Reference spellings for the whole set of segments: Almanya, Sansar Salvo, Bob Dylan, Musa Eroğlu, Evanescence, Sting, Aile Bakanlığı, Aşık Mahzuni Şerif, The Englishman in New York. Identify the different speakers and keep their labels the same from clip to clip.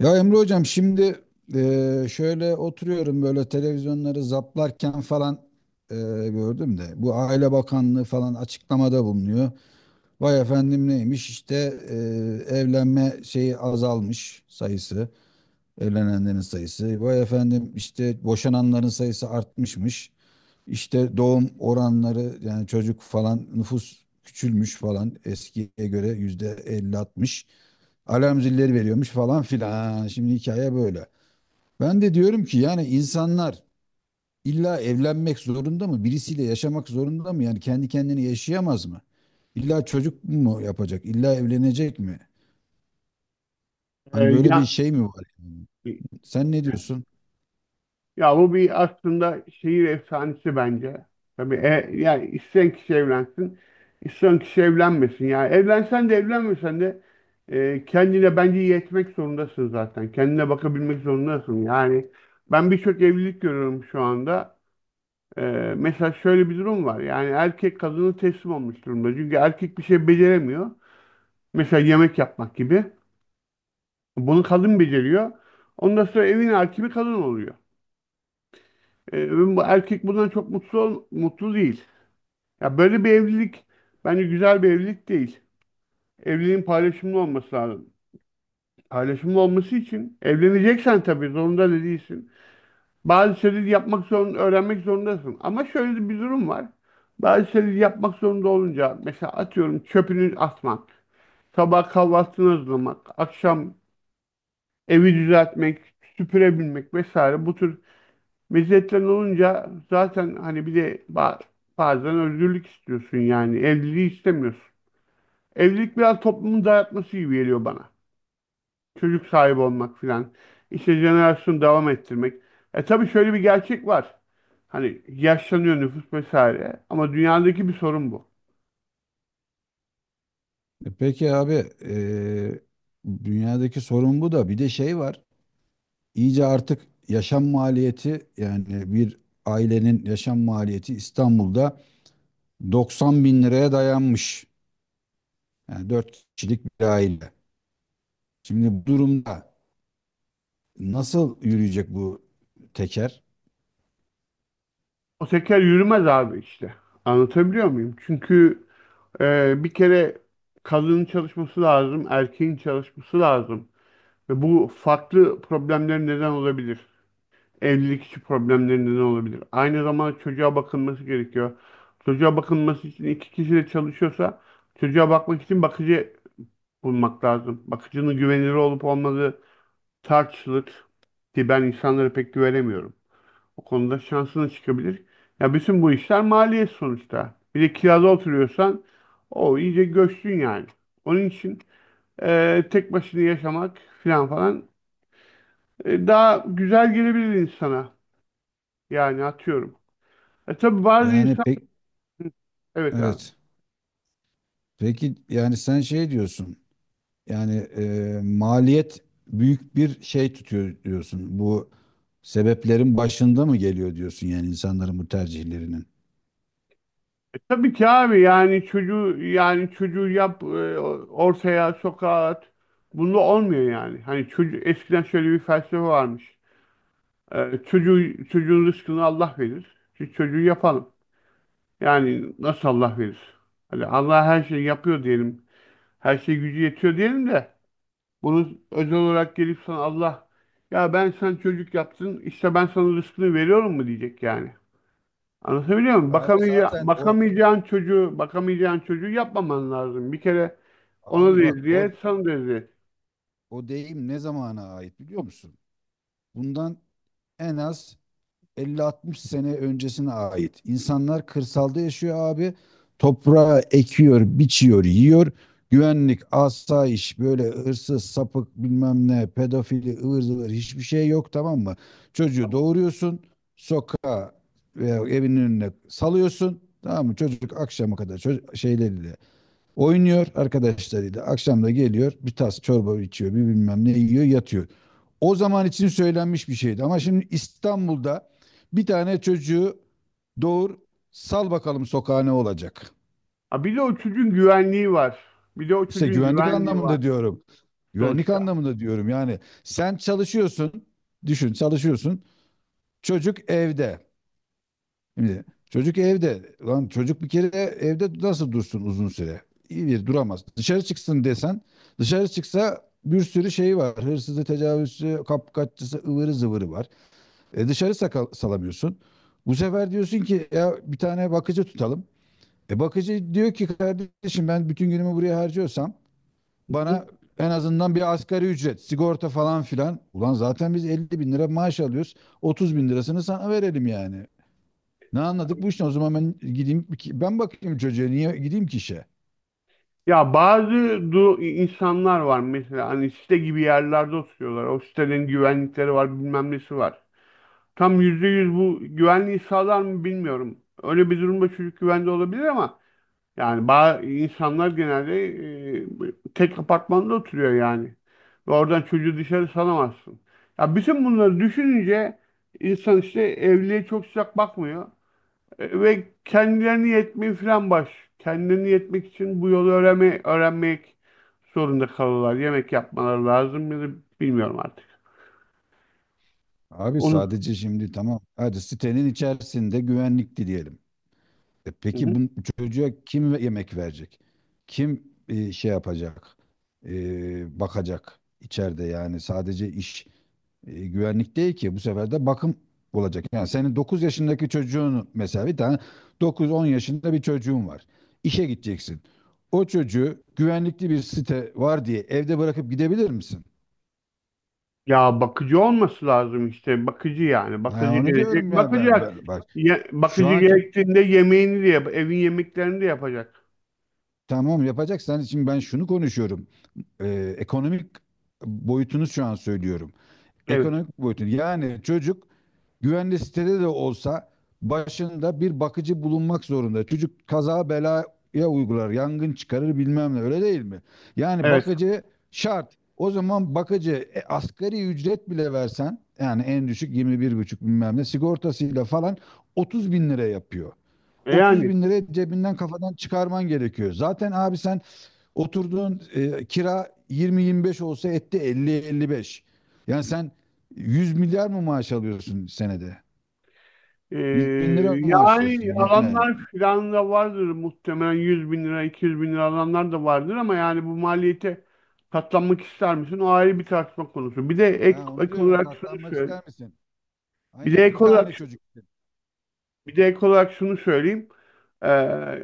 Speaker 1: Ya Emre hocam şimdi şöyle oturuyorum böyle televizyonları zaplarken falan eee, gördüm de bu Aile Bakanlığı falan açıklamada bulunuyor. Vay efendim neymiş işte evlenme şeyi azalmış sayısı evlenenlerin sayısı. Vay efendim işte boşananların sayısı artmışmış. İşte doğum oranları yani çocuk falan nüfus küçülmüş falan eskiye göre yüzde 50-60 alarm zilleri veriyormuş falan filan. Ha, şimdi hikaye böyle. Ben de diyorum ki yani insanlar illa evlenmek zorunda mı? Birisiyle yaşamak zorunda mı? Yani kendi kendini yaşayamaz mı? İlla çocuk mu yapacak? İlla evlenecek mi?
Speaker 2: Ee,
Speaker 1: Hani böyle bir
Speaker 2: ya
Speaker 1: şey mi var, yani? Sen ne diyorsun?
Speaker 2: bu bir aslında şehir efsanesi bence. Tabii yani isteyen kişi evlensin, isteyen kişi evlenmesin. Yani evlensen de evlenmesen de kendine bence yetmek zorundasın zaten. Kendine bakabilmek zorundasın. Yani ben birçok evlilik görüyorum şu anda. Ee, Mesela şöyle bir durum var. Yani erkek kadını teslim olmuş durumda. Çünkü erkek bir şey beceremiyor. Mesela yemek yapmak gibi. Bunu kadın beceriyor. Ondan sonra evin hakimi kadın oluyor. Ee, Bu erkek bundan çok mutlu değil. Ya böyle bir evlilik bence güzel bir evlilik değil. Evliliğin paylaşımlı olması lazım. Paylaşımlı olması için evleneceksen tabii zorunda da değilsin. Bazı şeyleri yapmak zorunda, öğrenmek zorundasın. Ama şöyle de bir durum var. Bazı şeyleri yapmak zorunda olunca mesela atıyorum çöpünü atmak, sabah kahvaltını hazırlamak, akşam evi düzeltmek, süpürebilmek vesaire bu tür meziyetlerin olunca zaten hani bir de bazen özgürlük istiyorsun yani. Evliliği istemiyorsun. Evlilik biraz toplumun dayatması gibi geliyor bana. Çocuk sahibi olmak filan. İşte jenerasyonu devam ettirmek. E tabii şöyle bir gerçek var. Hani yaşlanıyor nüfus vesaire. Ama dünyadaki bir sorun bu.
Speaker 1: Peki abi, e, dünyadaki sorun bu da bir de şey var. İyice artık yaşam maliyeti yani bir ailenin yaşam maliyeti İstanbul'da 90 bin liraya dayanmış. Yani 4 kişilik bir aile. Şimdi bu durumda nasıl yürüyecek bu teker?
Speaker 2: O teker yürümez abi işte. Anlatabiliyor muyum? Çünkü bir kere kadının çalışması lazım, erkeğin çalışması lazım. Ve bu farklı problemlerin neden olabilir. Evlilik içi problemlerinde ne olabilir? Aynı zamanda çocuğa bakılması gerekiyor. Çocuğa bakılması için iki kişi de çalışıyorsa çocuğa bakmak için bakıcı bulmak lazım. Bakıcının güvenilir olup olmadığı tartışılır ki ben insanlara pek güvenemiyorum. O konuda şansına çıkabilir. Ya bütün bu işler maliyet sonuçta. Bir de kirada oturuyorsan o iyice göçtün yani. Onun için tek başına yaşamak falan falan daha güzel gelebilir insana. Yani atıyorum. E tabii bazı
Speaker 1: Yani
Speaker 2: insan
Speaker 1: pek.
Speaker 2: evet abi.
Speaker 1: Evet. Peki yani sen şey diyorsun. Yani maliyet büyük bir şey tutuyor diyorsun. Bu sebeplerin başında mı geliyor diyorsun yani insanların bu tercihlerinin?
Speaker 2: E tabii ki abi yani çocuğu yap ortaya sokağa at. Bunda olmuyor yani. Hani çocuğu eskiden şöyle bir felsefe varmış. Çocuğun rızkını Allah verir. Şu çocuğu yapalım. Yani nasıl Allah verir? Hani Allah her şeyi yapıyor diyelim. Her şey gücü yetiyor diyelim de bunu özel olarak gelip sana Allah ya ben sen çocuk yaptın işte ben sana rızkını veriyorum mu diyecek yani. Anlatabiliyor muyum?
Speaker 1: Abi zaten o
Speaker 2: Bakamayacağın çocuğu, çocuğu yapmaman lazım. Bir kere
Speaker 1: Abi
Speaker 2: ona da
Speaker 1: bak, o
Speaker 2: eziyet, sana da eziyet.
Speaker 1: o deyim ne zamana ait biliyor musun? Bundan en az 50-60 sene öncesine ait. İnsanlar kırsalda yaşıyor abi. Toprağı ekiyor, biçiyor, yiyor. Güvenlik, asayiş, böyle hırsız, sapık bilmem ne, pedofili, ıvır zıvır hiçbir şey yok, tamam mı? Çocuğu doğuruyorsun, sokağa veya evinin önüne salıyorsun. Tamam mı? Çocuk akşama kadar şeyleriyle oynuyor arkadaşlarıyla. Akşam da geliyor, bir tas çorba içiyor, bir bilmem ne yiyor, yatıyor. O zaman için söylenmiş bir şeydi ama şimdi İstanbul'da bir tane çocuğu doğur, sal bakalım sokağa, ne olacak.
Speaker 2: Ha bir de o çocuğun güvenliği var. Bir de o
Speaker 1: İşte
Speaker 2: çocuğun
Speaker 1: güvenlik
Speaker 2: güvenliği var
Speaker 1: anlamında diyorum. Güvenlik
Speaker 2: sonuçta.
Speaker 1: anlamında diyorum, yani sen çalışıyorsun, düşün, çalışıyorsun, çocuk evde. Şimdi çocuk evde. Lan çocuk bir kere evde nasıl dursun uzun süre? İyi bir duramaz. Dışarı çıksın desen, dışarı çıksa bir sürü şey var. Hırsızı, tecavüzcü, kapkaççısı, ıvırı zıvırı var. Dışarı salamıyorsun. Bu sefer diyorsun ki ya bir tane bakıcı tutalım. Bakıcı diyor ki kardeşim, ben bütün günümü buraya harcıyorsam
Speaker 2: Hı
Speaker 1: bana
Speaker 2: hı.
Speaker 1: en azından bir asgari ücret, sigorta falan filan. Ulan zaten biz 50.000 lira maaş alıyoruz. 30.000 lirasını sana verelim yani. Ne anladık bu işten? O zaman ben gideyim ben bakayım çocuğa, niye gideyim ki işe?
Speaker 2: Ya bazı insanlar var mesela hani site gibi yerlerde oturuyorlar. O sitelerin güvenlikleri var, bilmem nesi var. Tam yüzde yüz bu güvenliği sağlar mı bilmiyorum. Öyle bir durumda çocuk güvende olabilir ama yani bazı insanlar genelde e, tek apartmanda oturuyor yani. Ve oradan çocuğu dışarı salamazsın. Ya bütün bunları düşününce insan işte evliliğe çok sıcak bakmıyor. Ve kendilerini yetmeyi falan baş. Kendilerini yetmek için bu yolu öğrenmek zorunda kalırlar. Yemek yapmaları lazım mıdır bilmiyorum artık.
Speaker 1: Abi
Speaker 2: Onu...
Speaker 1: sadece şimdi tamam, hadi sitenin içerisinde güvenlikti diyelim. Peki bu çocuğa kim yemek verecek? Kim şey yapacak? Bakacak içeride, yani sadece iş güvenlik değil ki. Bu sefer de bakım olacak. Yani senin 9 yaşındaki çocuğun, mesela bir tane 9-10 yaşında bir çocuğun var. İşe gideceksin. O çocuğu güvenlikli bir site var diye evde bırakıp gidebilir misin?
Speaker 2: Ya bakıcı olması lazım işte bakıcı yani
Speaker 1: Ha,
Speaker 2: bakıcı
Speaker 1: onu
Speaker 2: gelecek
Speaker 1: diyorum ya,
Speaker 2: bakacak
Speaker 1: bak, şu
Speaker 2: bakıcı
Speaker 1: anki,
Speaker 2: gerektiğinde yemeğini de yap evin yemeklerini de yapacak
Speaker 1: tamam, yapacaksan şimdi ben şunu konuşuyorum. Ekonomik boyutunu şu an söylüyorum.
Speaker 2: evet
Speaker 1: Ekonomik boyutunu yani çocuk güvenli sitede de olsa başında bir bakıcı bulunmak zorunda. Çocuk kaza belaya uygular, yangın çıkarır bilmem ne, öyle değil mi? Yani
Speaker 2: evet.
Speaker 1: bakıcı şart. O zaman bakıcı, asgari ücret bile versen yani en düşük 21,5 bilmem ne sigortasıyla falan 30.000 lira yapıyor.
Speaker 2: E
Speaker 1: Otuz
Speaker 2: yani
Speaker 1: bin lira cebinden kafadan çıkarman gerekiyor. Zaten abi sen oturduğun kira yirmi yirmi beş olsa etti elli elli beş. Yani sen 100 milyar mı maaş alıyorsun senede?
Speaker 2: e,
Speaker 1: 100 bin lira maaş alıyorsun
Speaker 2: yani
Speaker 1: yani.
Speaker 2: alanlar filan da vardır muhtemelen 100 bin lira 200 bin lira alanlar da vardır ama yani bu maliyete katlanmak ister misin o ayrı bir tartışma konusu bir de ek,
Speaker 1: Ha, onu
Speaker 2: ek
Speaker 1: diyorum,
Speaker 2: olarak şunu
Speaker 1: katlanmak
Speaker 2: söyleyeyim
Speaker 1: ister misin?
Speaker 2: bir de
Speaker 1: Aynen bir
Speaker 2: ek olarak
Speaker 1: tane çocuk.
Speaker 2: Bir de ek olarak şunu söyleyeyim. Ee,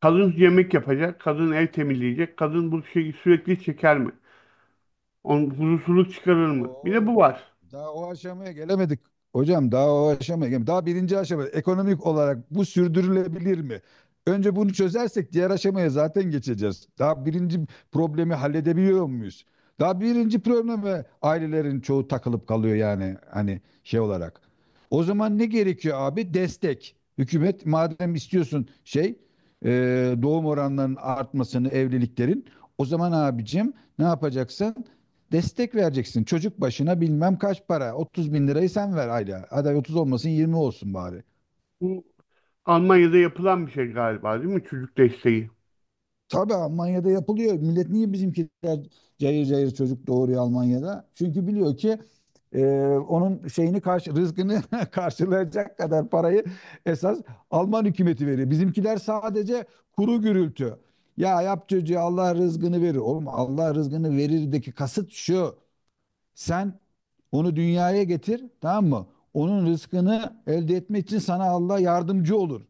Speaker 2: Kadın yemek yapacak, kadın ev temizleyecek, kadın bu şeyi sürekli çeker mi? Onun huzursuzluk çıkarır mı? Bir de bu
Speaker 1: Oo,
Speaker 2: var.
Speaker 1: daha o aşamaya gelemedik. Hocam daha o aşamaya gelemedik. Daha birinci aşama ekonomik olarak bu sürdürülebilir mi? Önce bunu çözersek diğer aşamaya zaten geçeceğiz. Daha birinci problemi halledebiliyor muyuz? Daha birinci probleme ailelerin çoğu takılıp kalıyor yani, hani şey olarak. O zaman ne gerekiyor abi? Destek. Hükümet madem istiyorsun şey, e, doğum oranlarının artmasını, evliliklerin, o zaman abicim ne yapacaksın? Destek vereceksin. Çocuk başına bilmem kaç para. 30 bin lirayı sen ver ayda. Hadi 30 olmasın, 20 olsun bari.
Speaker 2: Bu Almanya'da yapılan bir şey galiba değil mi? Çocuk desteği.
Speaker 1: Tabii Almanya'da yapılıyor. Millet niye bizimkiler cayır cayır çocuk doğuruyor Almanya'da? Çünkü biliyor ki e, onun şeyini karşı rızkını karşılayacak kadar parayı esas Alman hükümeti veriyor. Bizimkiler sadece kuru gürültü. Ya, yap çocuğu Allah rızkını verir. Oğlum Allah rızkını verirdeki kasıt şu. Sen onu dünyaya getir, tamam mı? Onun rızkını elde etmek için sana Allah yardımcı olur.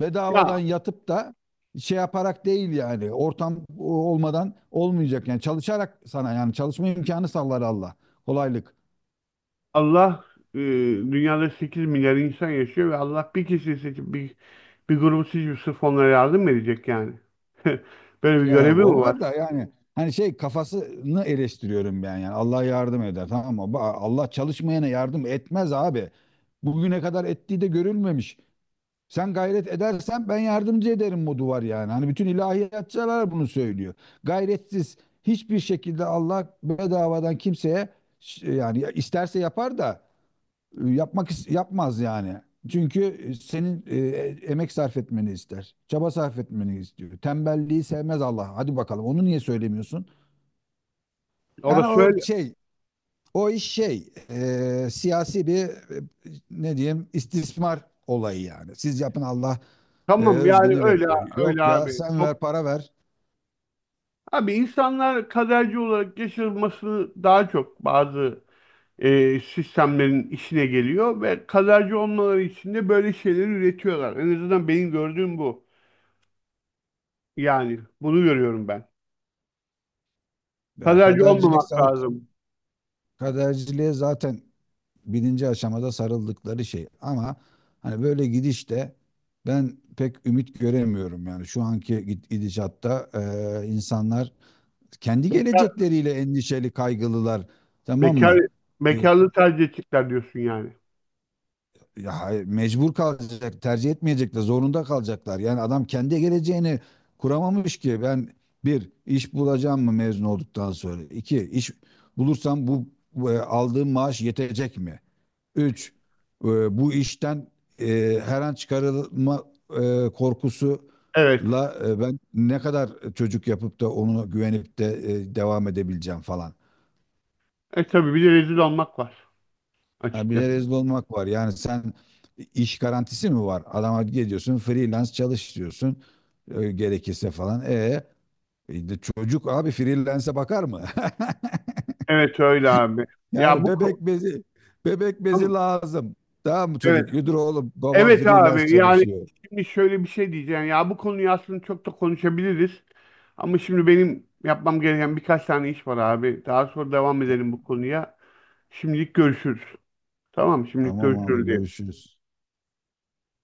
Speaker 1: Bedavadan
Speaker 2: Ya
Speaker 1: yatıp da şey yaparak değil, yani ortam olmadan olmayacak, yani çalışarak, sana yani çalışma imkanı sağlar Allah. Kolaylık.
Speaker 2: Allah e, Dünyada 8 milyar insan yaşıyor ve Allah bir kişiyi seçip bir grubu seçip sırf onlara yardım mı edecek yani. Böyle bir
Speaker 1: Ya
Speaker 2: görevi mi
Speaker 1: o
Speaker 2: var?
Speaker 1: var da yani hani şey kafasını eleştiriyorum ben, yani Allah yardım eder, tamam mı? Allah çalışmayana yardım etmez abi. Bugüne kadar ettiği de görülmemiş. Sen gayret edersen ben yardımcı ederim modu var yani. Hani bütün ilahiyatçılar bunu söylüyor. Gayretsiz hiçbir şekilde Allah bedavadan kimseye yani isterse yapar da yapmak yapmaz yani. Çünkü senin emek sarf etmeni ister. Çaba sarf etmeni istiyor. Tembelliği sevmez Allah. Hadi bakalım onu niye söylemiyorsun? Yani
Speaker 2: Orası
Speaker 1: o
Speaker 2: öyle.
Speaker 1: şey, o iş şey siyasi bir, ne diyeyim, istismar olayı yani. Siz yapın Allah
Speaker 2: Tamam yani
Speaker 1: rızgını verir.
Speaker 2: öyle
Speaker 1: Yok ya,
Speaker 2: abi.
Speaker 1: sen
Speaker 2: Top.
Speaker 1: ver, para ver.
Speaker 2: Abi insanlar kaderci olarak yaşaması daha çok bazı sistemlerin işine geliyor ve kaderci olmaları için de böyle şeyleri üretiyorlar. En azından benim gördüğüm bu. Yani bunu görüyorum ben.
Speaker 1: Ya
Speaker 2: Kaderci
Speaker 1: kadercilik
Speaker 2: olmamak
Speaker 1: zaten,
Speaker 2: lazım.
Speaker 1: kaderciliğe zaten birinci aşamada sarıldıkları şey. Ama hani böyle gidişte ben pek ümit göremiyorum yani şu anki gidişatta insanlar kendi
Speaker 2: Bekar,
Speaker 1: gelecekleriyle endişeli kaygılılar, tamam
Speaker 2: bekar,
Speaker 1: mı? E,
Speaker 2: Bekarlığı tercih edecekler diyorsun yani.
Speaker 1: Ya hayır, mecbur kalacak, tercih etmeyecekler, zorunda kalacaklar. Yani adam kendi geleceğini kuramamış ki. Ben bir, iş bulacağım mı mezun olduktan sonra? İki, iş bulursam bu aldığım maaş yetecek mi? Üç, e, bu işten her an çıkarılma
Speaker 2: Evet.
Speaker 1: korkusuyla ben ne kadar çocuk yapıp da onu güvenip de devam edebileceğim falan.
Speaker 2: E tabii bir de rezil olmak var
Speaker 1: Ha, bir de
Speaker 2: açıkçası.
Speaker 1: rezil olmak var. Yani sen, iş garantisi mi var? Adama gidiyorsun freelance çalış diyorsun. Gerekirse falan. De çocuk abi freelance'e bakar mı?
Speaker 2: Evet öyle abi. Ya
Speaker 1: Yani
Speaker 2: bu ko-
Speaker 1: bebek bezi
Speaker 2: tamam.
Speaker 1: lazım. Tamam mı
Speaker 2: Evet.
Speaker 1: çocuk? Yürü oğlum babam
Speaker 2: Evet
Speaker 1: freelance
Speaker 2: abi yani
Speaker 1: çalışıyor.
Speaker 2: şimdi şöyle bir şey diyeceğim ya bu konuyu aslında çok da konuşabiliriz ama şimdi benim yapmam gereken birkaç tane iş var abi daha sonra devam
Speaker 1: Ya,
Speaker 2: edelim bu konuya. Şimdilik görüşürüz. Tamam, şimdilik
Speaker 1: tamam abi
Speaker 2: görüşürüz.
Speaker 1: görüşürüz.